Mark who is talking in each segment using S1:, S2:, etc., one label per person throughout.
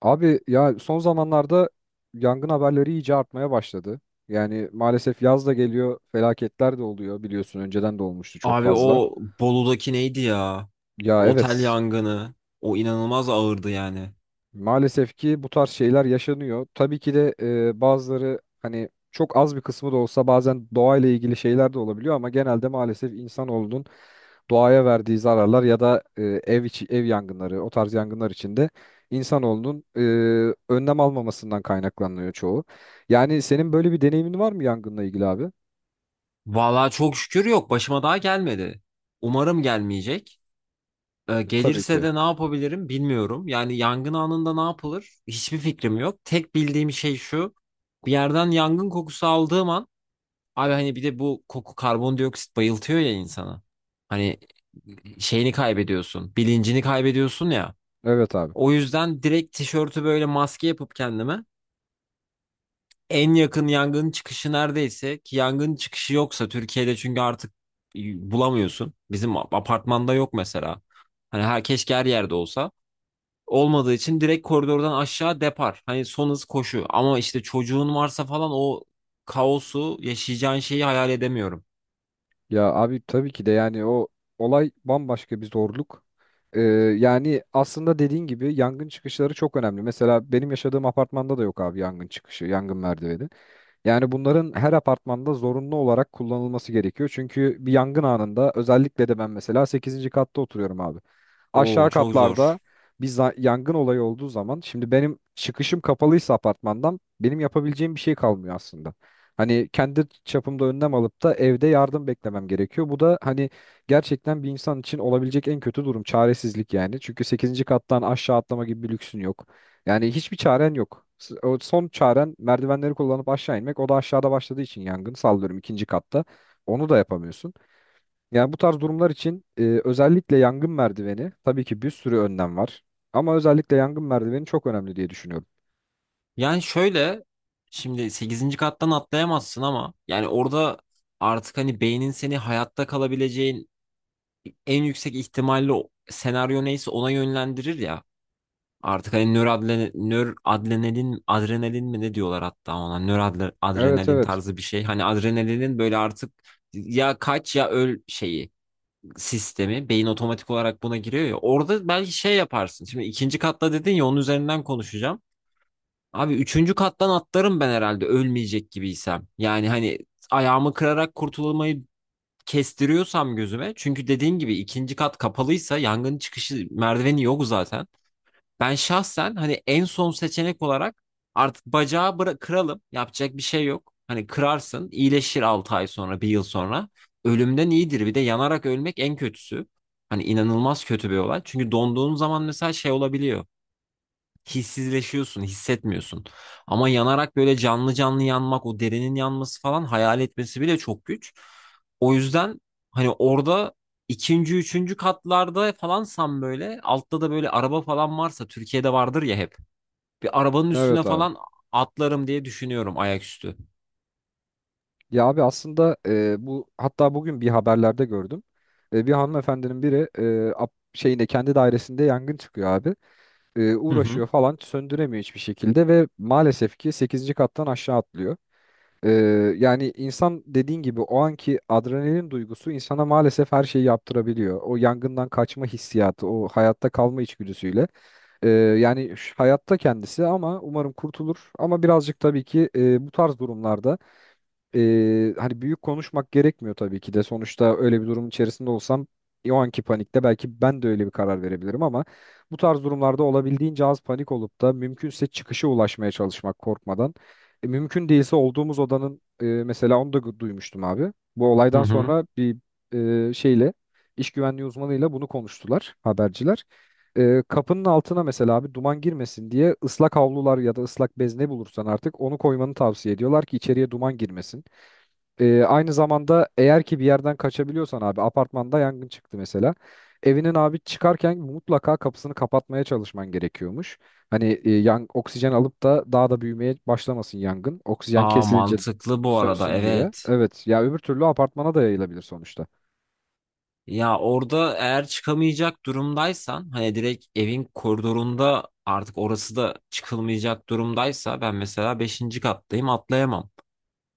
S1: Abi ya son zamanlarda yangın haberleri iyice artmaya başladı. Yani maalesef yaz da geliyor, felaketler de oluyor biliyorsun önceden de olmuştu çok
S2: Abi
S1: fazla.
S2: o Bolu'daki neydi ya?
S1: Ya,
S2: Otel
S1: evet.
S2: yangını. O inanılmaz ağırdı yani.
S1: Maalesef ki bu tarz şeyler yaşanıyor. Tabii ki de bazıları hani çok az bir kısmı da olsa bazen doğayla ilgili şeyler de olabiliyor ama genelde maalesef insanoğlunun doğaya verdiği zararlar ya da ev içi ev yangınları o tarz yangınlar içinde insanoğlunun önlem almamasından kaynaklanıyor çoğu. Yani senin böyle bir deneyimin var mı yangınla ilgili abi?
S2: Vallahi çok şükür yok. Başıma daha gelmedi. Umarım gelmeyecek.
S1: Tabii
S2: Gelirse
S1: ki.
S2: de ne yapabilirim bilmiyorum. Yani yangın anında ne yapılır? Hiçbir fikrim yok. Tek bildiğim şey şu. Bir yerden yangın kokusu aldığım an abi hani bir de bu koku karbondioksit bayıltıyor ya insana. Hani şeyini kaybediyorsun, bilincini kaybediyorsun ya.
S1: Evet, abi.
S2: O yüzden direkt tişörtü böyle maske yapıp kendime en yakın yangın çıkışı neredeyse ki yangın çıkışı yoksa Türkiye'de çünkü artık e, bulamıyorsun. Bizim apartmanda yok mesela. Hani her keşke her yerde olsa. Olmadığı için direkt koridordan aşağı depar. Hani son hız koşu. Ama işte çocuğun varsa falan o kaosu yaşayacağın şeyi hayal edemiyorum.
S1: Ya abi tabii ki de yani o olay bambaşka bir zorluk. Ee, yani aslında dediğin gibi yangın çıkışları çok önemli. Mesela benim yaşadığım apartmanda da yok abi yangın çıkışı, yangın merdiveni. Yani bunların her apartmanda zorunlu olarak kullanılması gerekiyor. Çünkü bir yangın anında özellikle de ben mesela sekizinci katta oturuyorum abi,
S2: Oo
S1: aşağı
S2: çok
S1: katlarda
S2: zor.
S1: yangın olayı olduğu zaman şimdi benim çıkışım kapalıysa apartmandan benim yapabileceğim bir şey kalmıyor aslında. Hani kendi çapımda önlem alıp da evde yardım beklemem gerekiyor. Bu da hani gerçekten bir insan için olabilecek en kötü durum çaresizlik yani. Çünkü sekizinci kattan aşağı atlama gibi bir lüksün yok. Yani hiçbir çaren yok. O son çaren merdivenleri kullanıp aşağı inmek. O da aşağıda başladığı için yangın sallıyorum ikinci katta. Onu da yapamıyorsun. Yani bu tarz durumlar için özellikle yangın merdiveni tabii ki bir sürü önlem var. Ama özellikle yangın merdiveni çok önemli diye düşünüyorum.
S2: Yani şöyle şimdi sekizinci kattan atlayamazsın ama yani orada artık hani beynin seni hayatta kalabileceğin en yüksek ihtimalle o senaryo neyse ona yönlendirir ya. Artık hani nöradrenalin, adrenalin mi ne diyorlar hatta ona
S1: Evet,
S2: nöradrenalin
S1: evet.
S2: tarzı bir şey. Hani adrenalinin böyle artık ya kaç ya öl şeyi sistemi beyin otomatik olarak buna giriyor ya. Orada belki şey yaparsın. Şimdi ikinci katta dedin ya onun üzerinden konuşacağım. Abi üçüncü kattan atlarım ben herhalde ölmeyecek gibiysem. Yani hani ayağımı kırarak kurtulmayı kestiriyorsam gözüme çünkü dediğin gibi ikinci kat kapalıysa yangın çıkışı merdiveni yok zaten. Ben şahsen hani en son seçenek olarak artık bacağı kıralım yapacak bir şey yok. Hani kırarsın iyileşir 6 ay sonra bir yıl sonra. Ölümden iyidir bir de yanarak ölmek en kötüsü. Hani inanılmaz kötü bir olay. Çünkü donduğun zaman mesela şey olabiliyor hissizleşiyorsun, hissetmiyorsun. Ama yanarak böyle canlı canlı yanmak, o derinin yanması falan hayal etmesi bile çok güç. O yüzden hani orada ikinci, üçüncü katlarda falansan böyle altta da böyle araba falan varsa Türkiye'de vardır ya hep. Bir arabanın üstüne
S1: Evet, abi.
S2: falan atlarım diye düşünüyorum ayaküstü.
S1: Ya abi aslında bu hatta bugün bir haberlerde gördüm. Bir hanımefendinin biri şeyinde kendi dairesinde yangın çıkıyor abi.
S2: Hı hı.
S1: Uğraşıyor falan söndüremiyor hiçbir şekilde ve maalesef ki sekizinci kattan aşağı atlıyor. Ee, yani insan dediğin gibi o anki adrenalin duygusu insana maalesef her şeyi yaptırabiliyor. O yangından kaçma hissiyatı, o hayatta kalma içgüdüsüyle. Yani şu hayatta kendisi ama umarım kurtulur. Ama birazcık tabii ki bu tarz durumlarda hani büyük konuşmak gerekmiyor tabii ki de. Sonuçta öyle bir durumun içerisinde olsam o anki panikte belki ben de öyle bir karar verebilirim ama bu tarz durumlarda olabildiğince az panik olup da mümkünse çıkışa ulaşmaya çalışmak korkmadan. Mümkün değilse olduğumuz odanın mesela onu da duymuştum abi. Bu
S2: Hı
S1: olaydan
S2: hı.
S1: sonra bir şeyle iş güvenliği uzmanıyla bunu konuştular haberciler. Kapının altına mesela abi duman girmesin diye ıslak havlular ya da ıslak bez ne bulursan artık onu koymanı tavsiye ediyorlar ki içeriye duman girmesin. Aynı zamanda eğer ki bir yerden kaçabiliyorsan abi apartmanda yangın çıktı mesela. Evinin abi çıkarken mutlaka kapısını kapatmaya çalışman gerekiyormuş. Hani oksijen alıp da daha da büyümeye başlamasın yangın. Oksijen
S2: Aa
S1: kesilince
S2: mantıklı bu arada
S1: sönsün diye.
S2: evet.
S1: Evet ya öbür türlü apartmana da yayılabilir sonuçta.
S2: Ya orada eğer çıkamayacak durumdaysan hani direkt evin koridorunda artık orası da çıkılmayacak durumdaysa ben mesela beşinci kattayım atlayamam.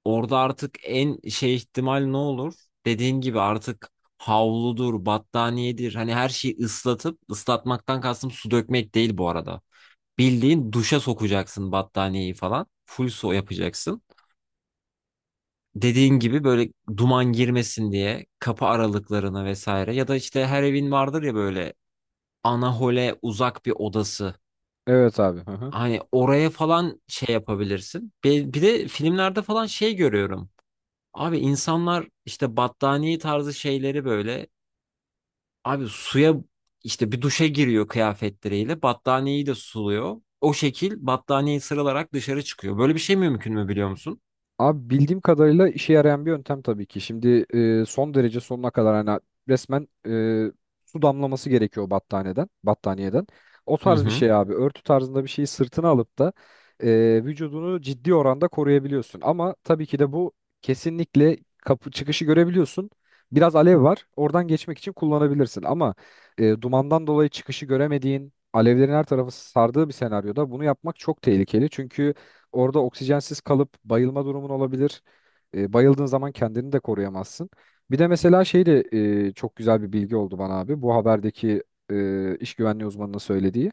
S2: Orada artık en şey ihtimal ne olur? Dediğin gibi artık havludur, battaniyedir hani her şeyi ıslatıp ıslatmaktan kastım su dökmek değil bu arada. Bildiğin duşa sokacaksın battaniyeyi falan. Full su yapacaksın dediğin gibi böyle duman girmesin diye kapı aralıklarına vesaire ya da işte her evin vardır ya böyle anahole uzak bir odası.
S1: Evet, abi. Hı hı.
S2: Hani oraya falan şey yapabilirsin. Bir de filmlerde falan şey görüyorum. Abi insanlar işte battaniye tarzı şeyleri böyle abi suya işte bir duşa giriyor kıyafetleriyle battaniyeyi de suluyor. O şekil battaniyeyi sıralarak dışarı çıkıyor. Böyle bir şey mümkün mü biliyor musun?
S1: Abi bildiğim kadarıyla işe yarayan bir yöntem tabii ki. Şimdi son derece sonuna kadar hani resmen su damlaması gerekiyor battaniyeden. O
S2: Hı
S1: tarz bir
S2: hı.
S1: şey abi. Örtü tarzında bir şeyi sırtına alıp da vücudunu ciddi oranda koruyabiliyorsun. Ama tabii ki de bu kesinlikle kapı çıkışı görebiliyorsun. Biraz alev var. Oradan geçmek için kullanabilirsin. Ama dumandan dolayı çıkışı göremediğin, alevlerin her tarafı sardığı bir senaryoda bunu yapmak çok tehlikeli. Çünkü orada oksijensiz kalıp bayılma durumun olabilir. Bayıldığın zaman kendini de koruyamazsın. Bir de mesela şey de çok güzel bir bilgi oldu bana abi. Bu haberdeki iş güvenliği uzmanının söylediği.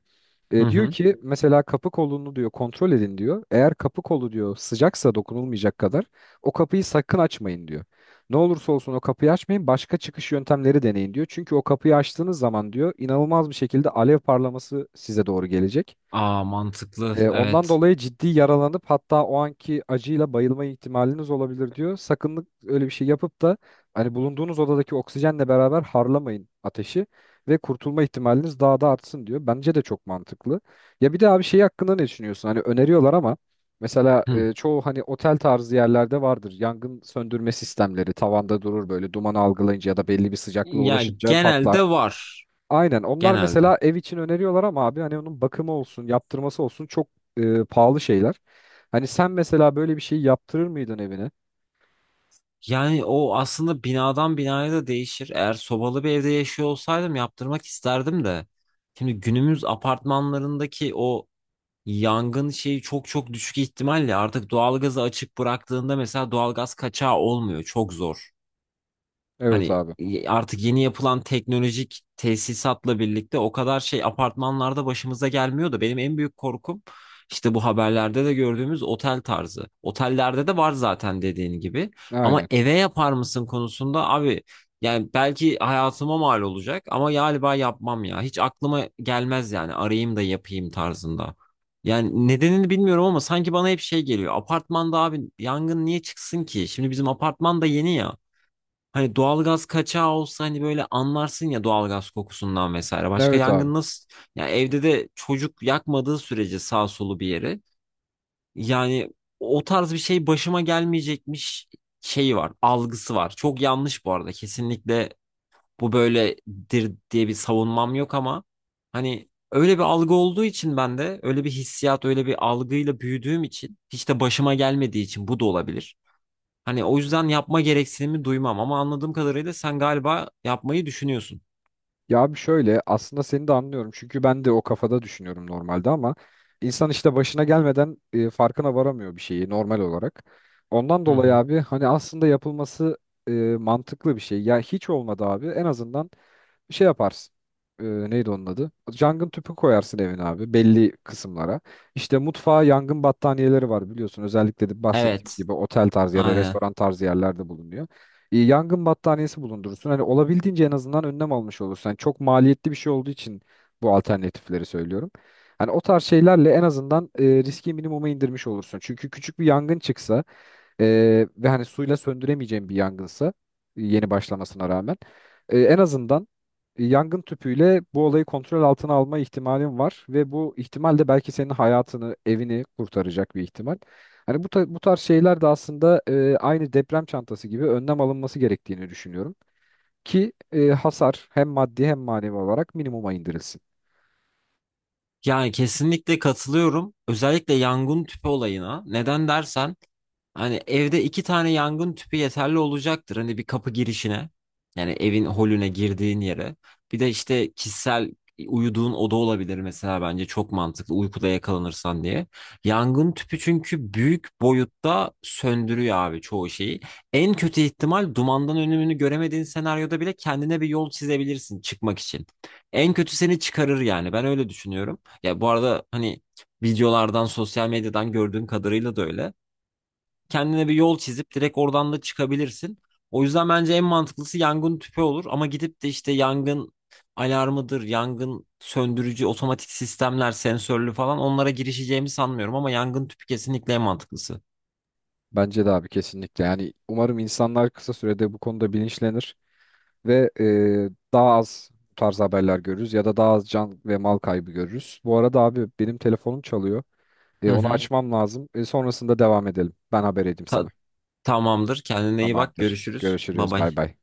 S2: Hı
S1: Diyor
S2: hı.
S1: ki mesela kapı kolunu diyor kontrol edin diyor. Eğer kapı kolu diyor sıcaksa dokunulmayacak kadar o kapıyı sakın açmayın diyor. Ne olursa olsun o kapıyı açmayın başka çıkış yöntemleri deneyin diyor. Çünkü o kapıyı açtığınız zaman diyor inanılmaz bir şekilde alev parlaması size doğru gelecek.
S2: Aa mantıklı.
S1: Ondan
S2: Evet.
S1: dolayı ciddi yaralanıp hatta o anki acıyla bayılma ihtimaliniz olabilir diyor. Sakın öyle bir şey yapıp da hani bulunduğunuz odadaki oksijenle beraber harlamayın ateşi ve kurtulma ihtimaliniz daha da artsın diyor. Bence de çok mantıklı. Ya bir de abi şey hakkında ne düşünüyorsun? Hani öneriyorlar ama mesela
S2: Hı.
S1: çoğu hani otel tarzı yerlerde vardır. Yangın söndürme sistemleri tavanda durur böyle dumanı algılayınca ya da belli bir sıcaklığa
S2: Ya
S1: ulaşınca
S2: genelde
S1: patlar.
S2: var.
S1: Aynen. Onlar
S2: Genelde.
S1: mesela ev için öneriyorlar ama abi hani onun bakımı olsun, yaptırması olsun çok pahalı şeyler. Hani sen mesela böyle bir şey yaptırır mıydın evine?
S2: Yani o aslında binadan binaya da değişir. Eğer sobalı bir evde yaşıyor olsaydım yaptırmak isterdim de. Şimdi günümüz apartmanlarındaki o yangın şeyi çok çok düşük ihtimalle artık doğalgazı açık bıraktığında mesela doğalgaz kaçağı olmuyor. Çok zor.
S1: Evet,
S2: Hani
S1: abi.
S2: artık yeni yapılan teknolojik tesisatla birlikte o kadar şey apartmanlarda başımıza gelmiyor da benim en büyük korkum işte bu haberlerde de gördüğümüz otel tarzı. Otellerde de var zaten dediğin gibi. Ama
S1: Aynen.
S2: eve yapar mısın konusunda abi yani belki hayatıma mal olacak ama galiba yapmam ya. Hiç aklıma gelmez yani arayayım da yapayım tarzında. Yani nedenini bilmiyorum ama sanki bana hep şey geliyor. Apartmanda abi yangın niye çıksın ki? Şimdi bizim apartman da yeni ya. Hani doğalgaz kaçağı olsa hani böyle anlarsın ya doğalgaz kokusundan vesaire. Başka
S1: Evet, abi.
S2: yangın nasıl? Ya evde de çocuk yakmadığı sürece sağ solu bir yeri. Yani o tarz bir şey başıma gelmeyecekmiş şeyi var, algısı var. Çok yanlış bu arada. Kesinlikle bu böyledir diye bir savunmam yok ama hani öyle bir algı olduğu için ben de öyle bir hissiyat, öyle bir algıyla büyüdüğüm için hiç de başıma gelmediği için bu da olabilir. Hani o yüzden yapma gereksinimi duymam ama anladığım kadarıyla sen galiba yapmayı düşünüyorsun.
S1: Ya abi şöyle aslında seni de anlıyorum çünkü ben de o kafada düşünüyorum normalde ama insan işte başına gelmeden farkına varamıyor bir şeyi normal olarak. Ondan
S2: Hı
S1: dolayı
S2: hı.
S1: abi hani aslında yapılması e, mantıklı bir şey. Ya hiç olmadı abi en azından şey yaparsın. Neydi onun adı? Yangın tüpü koyarsın evin abi belli kısımlara. İşte mutfağa yangın battaniyeleri var biliyorsun özellikle de bahsettiğimiz
S2: Evet,
S1: gibi otel tarzı ya da
S2: aynen.
S1: restoran tarzı yerlerde bulunuyor, yangın battaniyesi bulundurursun. Hani olabildiğince en azından önlem almış olursun. Hani çok maliyetli bir şey olduğu için bu alternatifleri söylüyorum. Hani o tarz şeylerle en azından riski minimuma indirmiş olursun. Çünkü küçük bir yangın çıksa e, ve hani suyla söndüremeyeceğim bir yangınsa yeni başlamasına rağmen en azından yangın tüpüyle bu olayı kontrol altına alma ihtimalin var ve bu ihtimal de belki senin hayatını, evini kurtaracak bir ihtimal. Hani bu tarz şeyler de aslında aynı deprem çantası gibi önlem alınması gerektiğini düşünüyorum. Ki hasar hem maddi hem manevi olarak minimuma indirilsin.
S2: Yani kesinlikle katılıyorum. Özellikle yangın tüpü olayına. Neden dersen hani evde iki tane yangın tüpü yeterli olacaktır. Hani bir kapı girişine yani evin holüne girdiğin yere. Bir de işte kişisel uyuduğun oda olabilir mesela bence çok mantıklı uykuda yakalanırsan diye. Yangın tüpü çünkü büyük boyutta söndürüyor abi çoğu şeyi. En kötü ihtimal dumandan önümünü göremediğin senaryoda bile kendine bir yol çizebilirsin çıkmak için. En kötü seni çıkarır yani ben öyle düşünüyorum. Ya bu arada hani videolardan sosyal medyadan gördüğüm kadarıyla da öyle kendine bir yol çizip direkt oradan da çıkabilirsin. O yüzden bence en mantıklısı yangın tüpü olur ama gidip de işte yangın alarmıdır, yangın söndürücü otomatik sistemler, sensörlü falan onlara girişeceğimi sanmıyorum ama yangın tüpü kesinlikle en mantıklısı.
S1: Bence de abi kesinlikle. Yani umarım insanlar kısa sürede bu konuda bilinçlenir ve daha az bu tarz haberler görürüz ya da daha az can ve mal kaybı görürüz. Bu arada abi benim telefonum çalıyor.
S2: Hı
S1: Onu tamam,
S2: hı.
S1: açmam lazım. Sonrasında devam edelim. Ben haber edeyim
S2: Ta-
S1: sana.
S2: Tamamdır. Kendine iyi bak.
S1: Tamamdır.
S2: Görüşürüz. Bay
S1: Görüşürüz.
S2: bay.
S1: Bay bay.